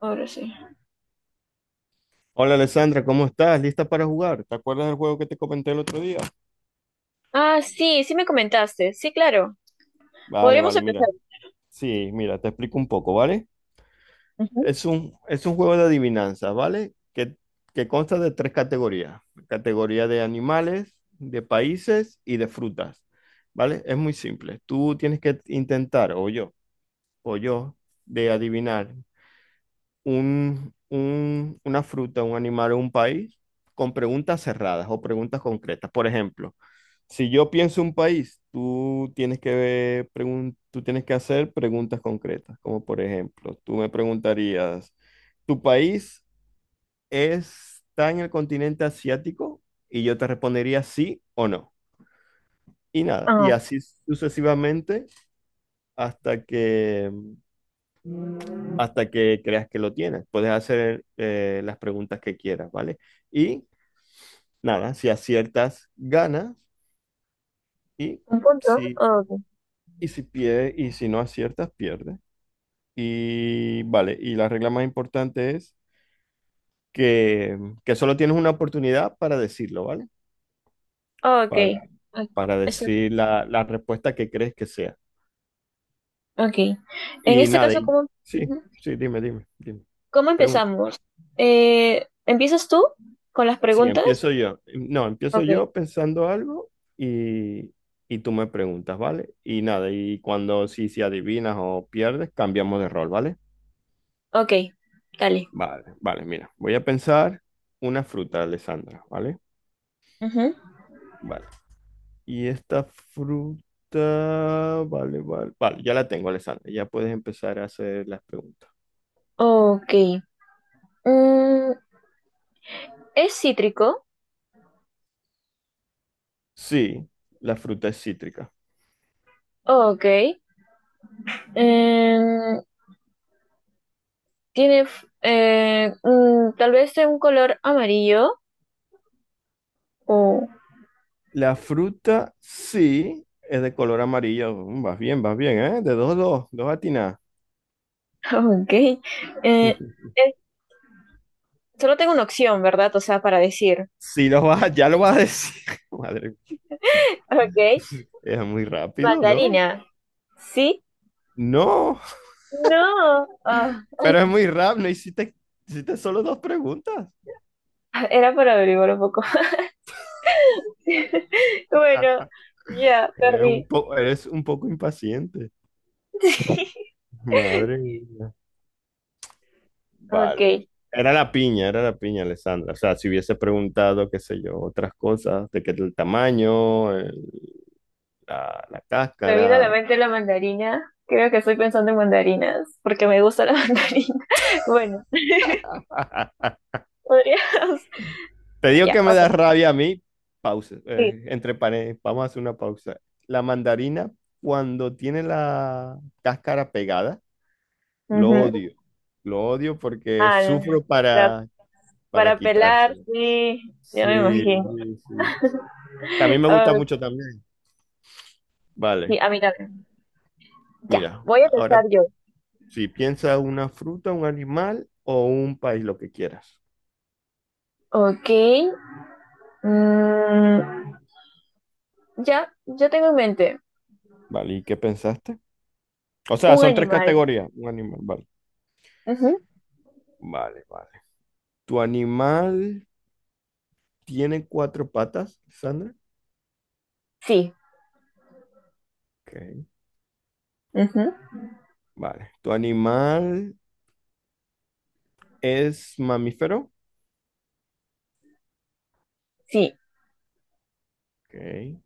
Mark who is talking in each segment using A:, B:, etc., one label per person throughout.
A: Ahora sí.
B: Hola Alessandra, ¿cómo estás? ¿Lista para jugar? ¿Te acuerdas del juego que te comenté el otro día?
A: Sí, sí, me comentaste. Sí, claro.
B: Vale,
A: Podríamos
B: vale,
A: empezar.
B: mira. Sí, mira, te explico un poco, ¿vale?
A: Ujú.
B: Es un juego de adivinanzas, ¿vale? Que consta de tres categorías. Categoría de animales, de países y de frutas, ¿vale? Es muy simple. Tú tienes que intentar, o yo, de adivinar una fruta, un animal o un país con preguntas cerradas o preguntas concretas. Por ejemplo, si yo pienso un país, tú tienes que ver tú tienes que hacer preguntas concretas, como por ejemplo, tú me preguntarías, ¿tu país está en el continente asiático? Y yo te respondería sí o no. Y nada, y
A: Ah,
B: así sucesivamente hasta que hasta que creas que lo tienes. Puedes hacer las preguntas que quieras, ¿vale? Y nada, si aciertas, ganas. Y
A: un punto.
B: si,
A: Ah, ok.
B: y si pierdes, y si no aciertas, pierdes. Y vale, y la regla más importante es que, que solo tienes una oportunidad para decirlo, ¿vale?
A: Ah, ok.
B: Para,
A: Ah,
B: para
A: eso-
B: decir la respuesta que crees que sea.
A: ok. En
B: Y
A: este
B: nada,
A: caso,
B: y, sí,
A: ujú.
B: sí, dime.
A: ¿Cómo
B: Pregunta.
A: empezamos? ¿Empiezas tú con las
B: Sí,
A: preguntas?
B: empiezo yo. No, empiezo
A: Ok,
B: yo pensando algo y, y tú me preguntas, ¿vale? Y nada, y cuando si adivinas o pierdes, cambiamos de rol, ¿vale?
A: ok. Dale.
B: Vale, vale, mira, voy a pensar una fruta, Alessandra, ¿vale?
A: Ujú.
B: Vale. Y esta fruta, vale, vale, vale, ya la tengo, Alessandra, ya puedes empezar a hacer las preguntas.
A: Ok. Mm, ¿Es cítrico?
B: Sí, la fruta es cítrica.
A: Ok. Em, ¿Tiene tal vez de un color amarillo? O
B: La fruta, sí, es de color amarillo. Mm, vas bien, vas bien, ¿eh? De dos atinadas.
A: ok. Eh, Solo tengo una opción, ¿verdad? O sea, para decir.
B: Si lo vas, ya lo vas a decir. Madre mía,
A: Ok.
B: es muy rápido, ¿no?
A: Mandarina. ¿Sí?
B: No,
A: No.
B: pero es muy rápido. No hiciste, hiciste solo dos preguntas.
A: Era para averiguar un poco. Bueno, ya,
B: Eres
A: perdí.
B: eres un poco impaciente. Madre mía.
A: Ok.
B: Vale. Era la piña, Alessandra. O sea, si hubiese preguntado, qué sé yo, otras cosas, de qué el tamaño, la
A: Me vino a la
B: cáscara.
A: mente la mandarina. Creo que estoy pensando en mandarinas, porque me gusta la mandarina. Bueno, podríamos.
B: Te digo
A: Ya,
B: que me
A: ok.
B: da rabia a mí. Pausa.
A: Sí.
B: Entre paréntesis, vamos a hacer una pausa. La mandarina, cuando tiene la cáscara pegada, lo
A: Ujú.
B: odio. Lo odio porque
A: Ah,
B: sufro
A: la-
B: para
A: para pelar,
B: quitárselo.
A: sí. Ya me
B: Sí,
A: imagino.
B: sí, sí. Que a mí me gusta mucho también.
A: Sí,
B: Vale,
A: a mí también. Ya,
B: mira,
A: voy a empezar
B: ahora
A: yo.
B: si piensa una fruta, un animal o un país, lo que quieras.
A: Ok. mm, ya tengo en mente
B: Vale, ¿y qué pensaste? O sea,
A: un
B: son tres
A: animal.
B: categorías. Un animal, vale.
A: Ujú.
B: Vale, vale. Tu animal tiene cuatro patas, Sandra.
A: Sí,
B: Ok,
A: ujú.
B: vale. ¿Tu animal es mamífero?
A: Sí.
B: Ok,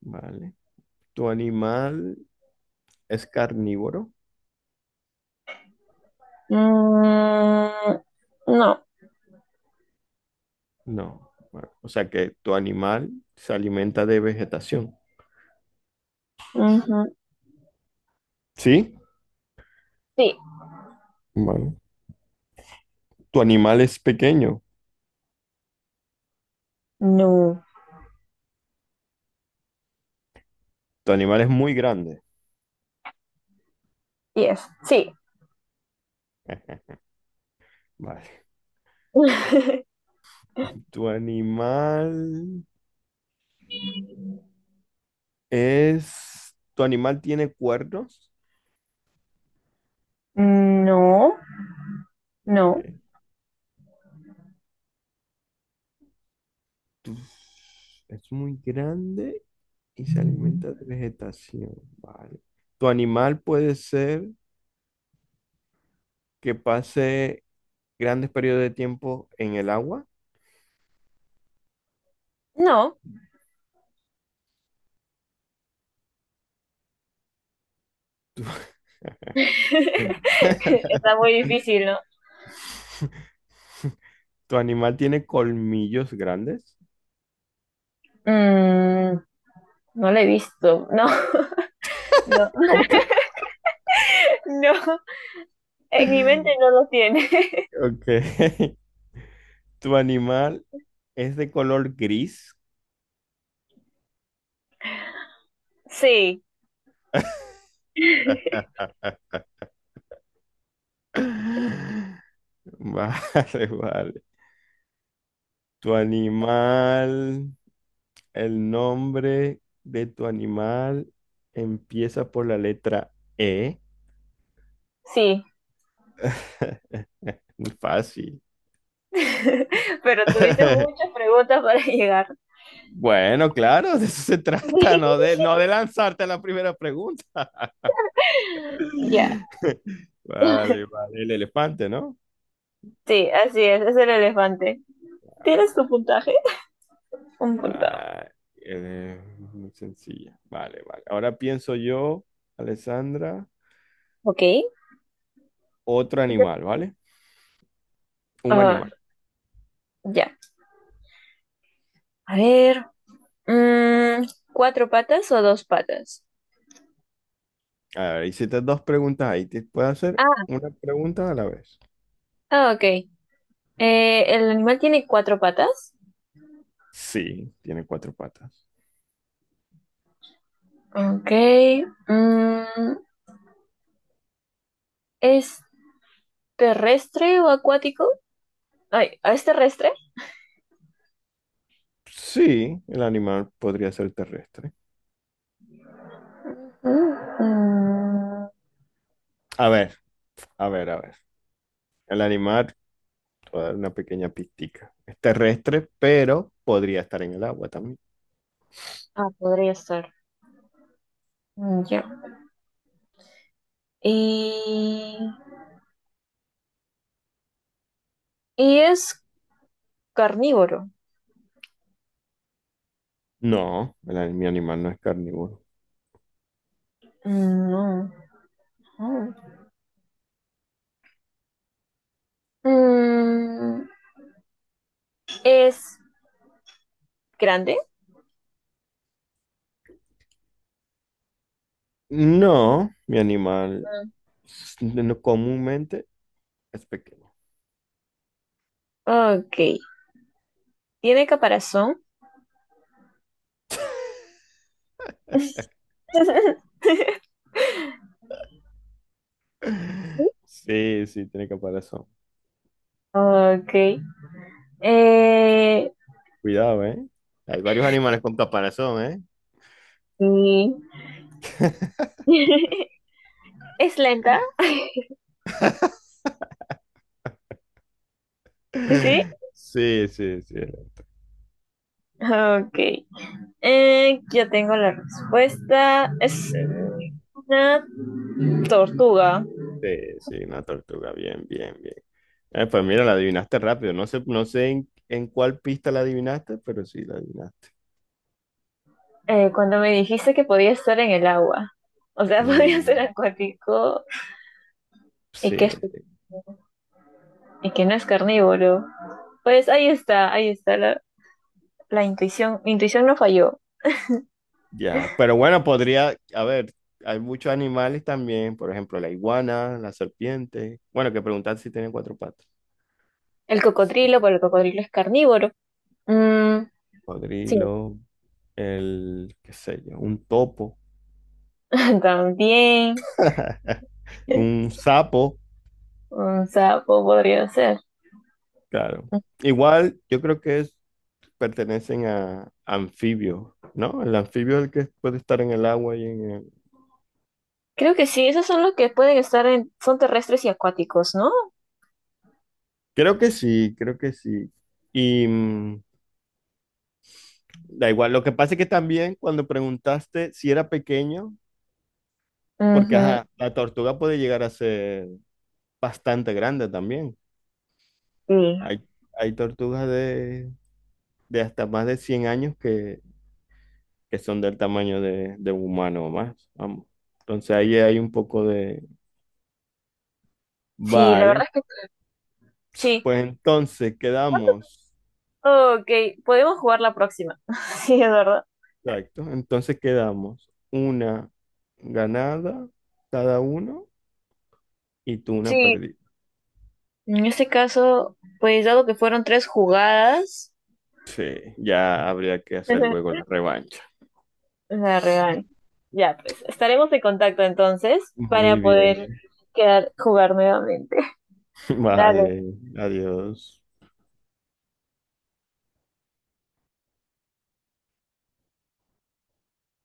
B: vale. ¿Tu animal es carnívoro?
A: Mm, no.
B: No. Vale. O sea que tu animal se alimenta de vegetación.
A: Ujú.
B: ¿Sí?
A: Sí.
B: Vale. ¿Tu animal es pequeño?
A: No,
B: Tu animal es muy grande.
A: yes, sí.
B: Vale. ¿Tu animal es... ¿Tu animal tiene cuernos?
A: no, no.
B: Ok. Tu- Es muy grande y se alimenta de vegetación, vale. Tu animal puede ser que pase grandes periodos de tiempo en el agua.
A: No.
B: Tu,
A: Está muy difícil, ¿no?
B: tu animal tiene colmillos grandes.
A: Mm, no lo he visto. No, no,
B: ¿Cómo que?
A: no. En mi mente no lo tiene.
B: Ok. Tu animal es de color gris.
A: Sí,
B: Vale, vale. Tu animal, el nombre de tu animal empieza por la letra E.
A: sí.
B: Muy fácil.
A: Pero tuviste muchas preguntas para llegar.
B: Bueno, claro, de eso se trata, no de lanzarte a la primera pregunta.
A: Ya.
B: Vale, vale, el elefante, ¿no?
A: Sí, así es el elefante. ¿Tienes tu puntaje? Un punto.
B: Ah, eh, muy sencilla. Vale, vale. Ahora pienso yo, Alessandra,
A: Ok.
B: otro animal, ¿vale? Un
A: Ah,
B: animal.
A: ya. A ver. mm, ¿Cuatro patas o dos patas?
B: A ver, hiciste dos preguntas ahí. ¿Te puedo hacer
A: Ah.
B: una pregunta a la vez?
A: Ah, ok. ¿El animal tiene cuatro patas?
B: Sí, tiene cuatro patas.
A: Ok. mm, ¿Es terrestre o acuático? Ay, ¿es terrestre?
B: Sí, el animal podría ser terrestre.
A: Mm, mm,
B: A ver, a ver. El animal Voy a dar una pequeña pistica. Es terrestre, pero podría estar en el agua también.
A: Ah, podría ser. Ya. Y, y es carnívoro.
B: No, el mi animal no es carnívoro.
A: Mm, no. Mm. Mm, es grande.
B: No, mi animal comúnmente es pequeño.
A: Ok. Tiene caparazón.
B: Sí, sí, tiene caparazón.
A: Ok. Eh,
B: Cuidado, ¿eh? Hay varios animales con caparazón, ¿eh?
A: y- es lenta. Sí.
B: Sí, sí, sí.
A: Ok. Yo tengo la respuesta. Es
B: Eh,
A: una tortuga.
B: sí, sí, una tortuga. Bien, bien, bien. Pues mira, la adivinaste rápido. No sé, en cuál pista la adivinaste, pero sí la adivinaste.
A: Cuando me dijiste que podía estar en el agua, o sea, podía ser
B: Mm.
A: acuático y
B: Sí,
A: y que no es carnívoro, pues ahí está la intuición. Mi intuición no falló.
B: ya. Pero bueno, podría, a ver, hay muchos animales también, por ejemplo, la iguana, la serpiente. Bueno, que preguntar si tienen cuatro patas.
A: El cocodrilo, pero el cocodrilo es carnívoro. Mm, sí,
B: Cocodrilo, el, qué sé yo, un topo,
A: también
B: un sapo,
A: un sapo podría ser.
B: claro. Igual, yo creo pertenecen a anfibios, ¿no? El anfibio es el que puede estar en el agua y en el...
A: Creo que sí, esos son los que pueden estar en, son terrestres y acuáticos, ¿no?
B: Creo que sí, creo que sí. Y mm, da igual, lo que pasa es que también cuando preguntaste si era pequeño, porque,
A: Ujú,
B: ajá, la tortuga puede llegar a ser bastante grande también.
A: sí.
B: Hay, hay tortugas de hasta más de 100 años que son del tamaño de un humano o más. Vamos. Entonces ahí hay un poco de...
A: Sí, la verdad
B: Vale,
A: es que
B: si,
A: sí.
B: pues
A: Sí.
B: entonces quedamos.
A: Ok, podemos jugar la próxima. Sí, es verdad.
B: Exacto, entonces quedamos una ganada cada uno y tú una
A: Sí,
B: perdida.
A: en este caso, pues dado que fueron tres jugadas,
B: Sí, ya habría que hacer luego la revancha.
A: la real. Ya pues estaremos en contacto entonces para
B: Muy
A: poder
B: bien,
A: quedar jugar nuevamente. Dale.
B: vale, adiós.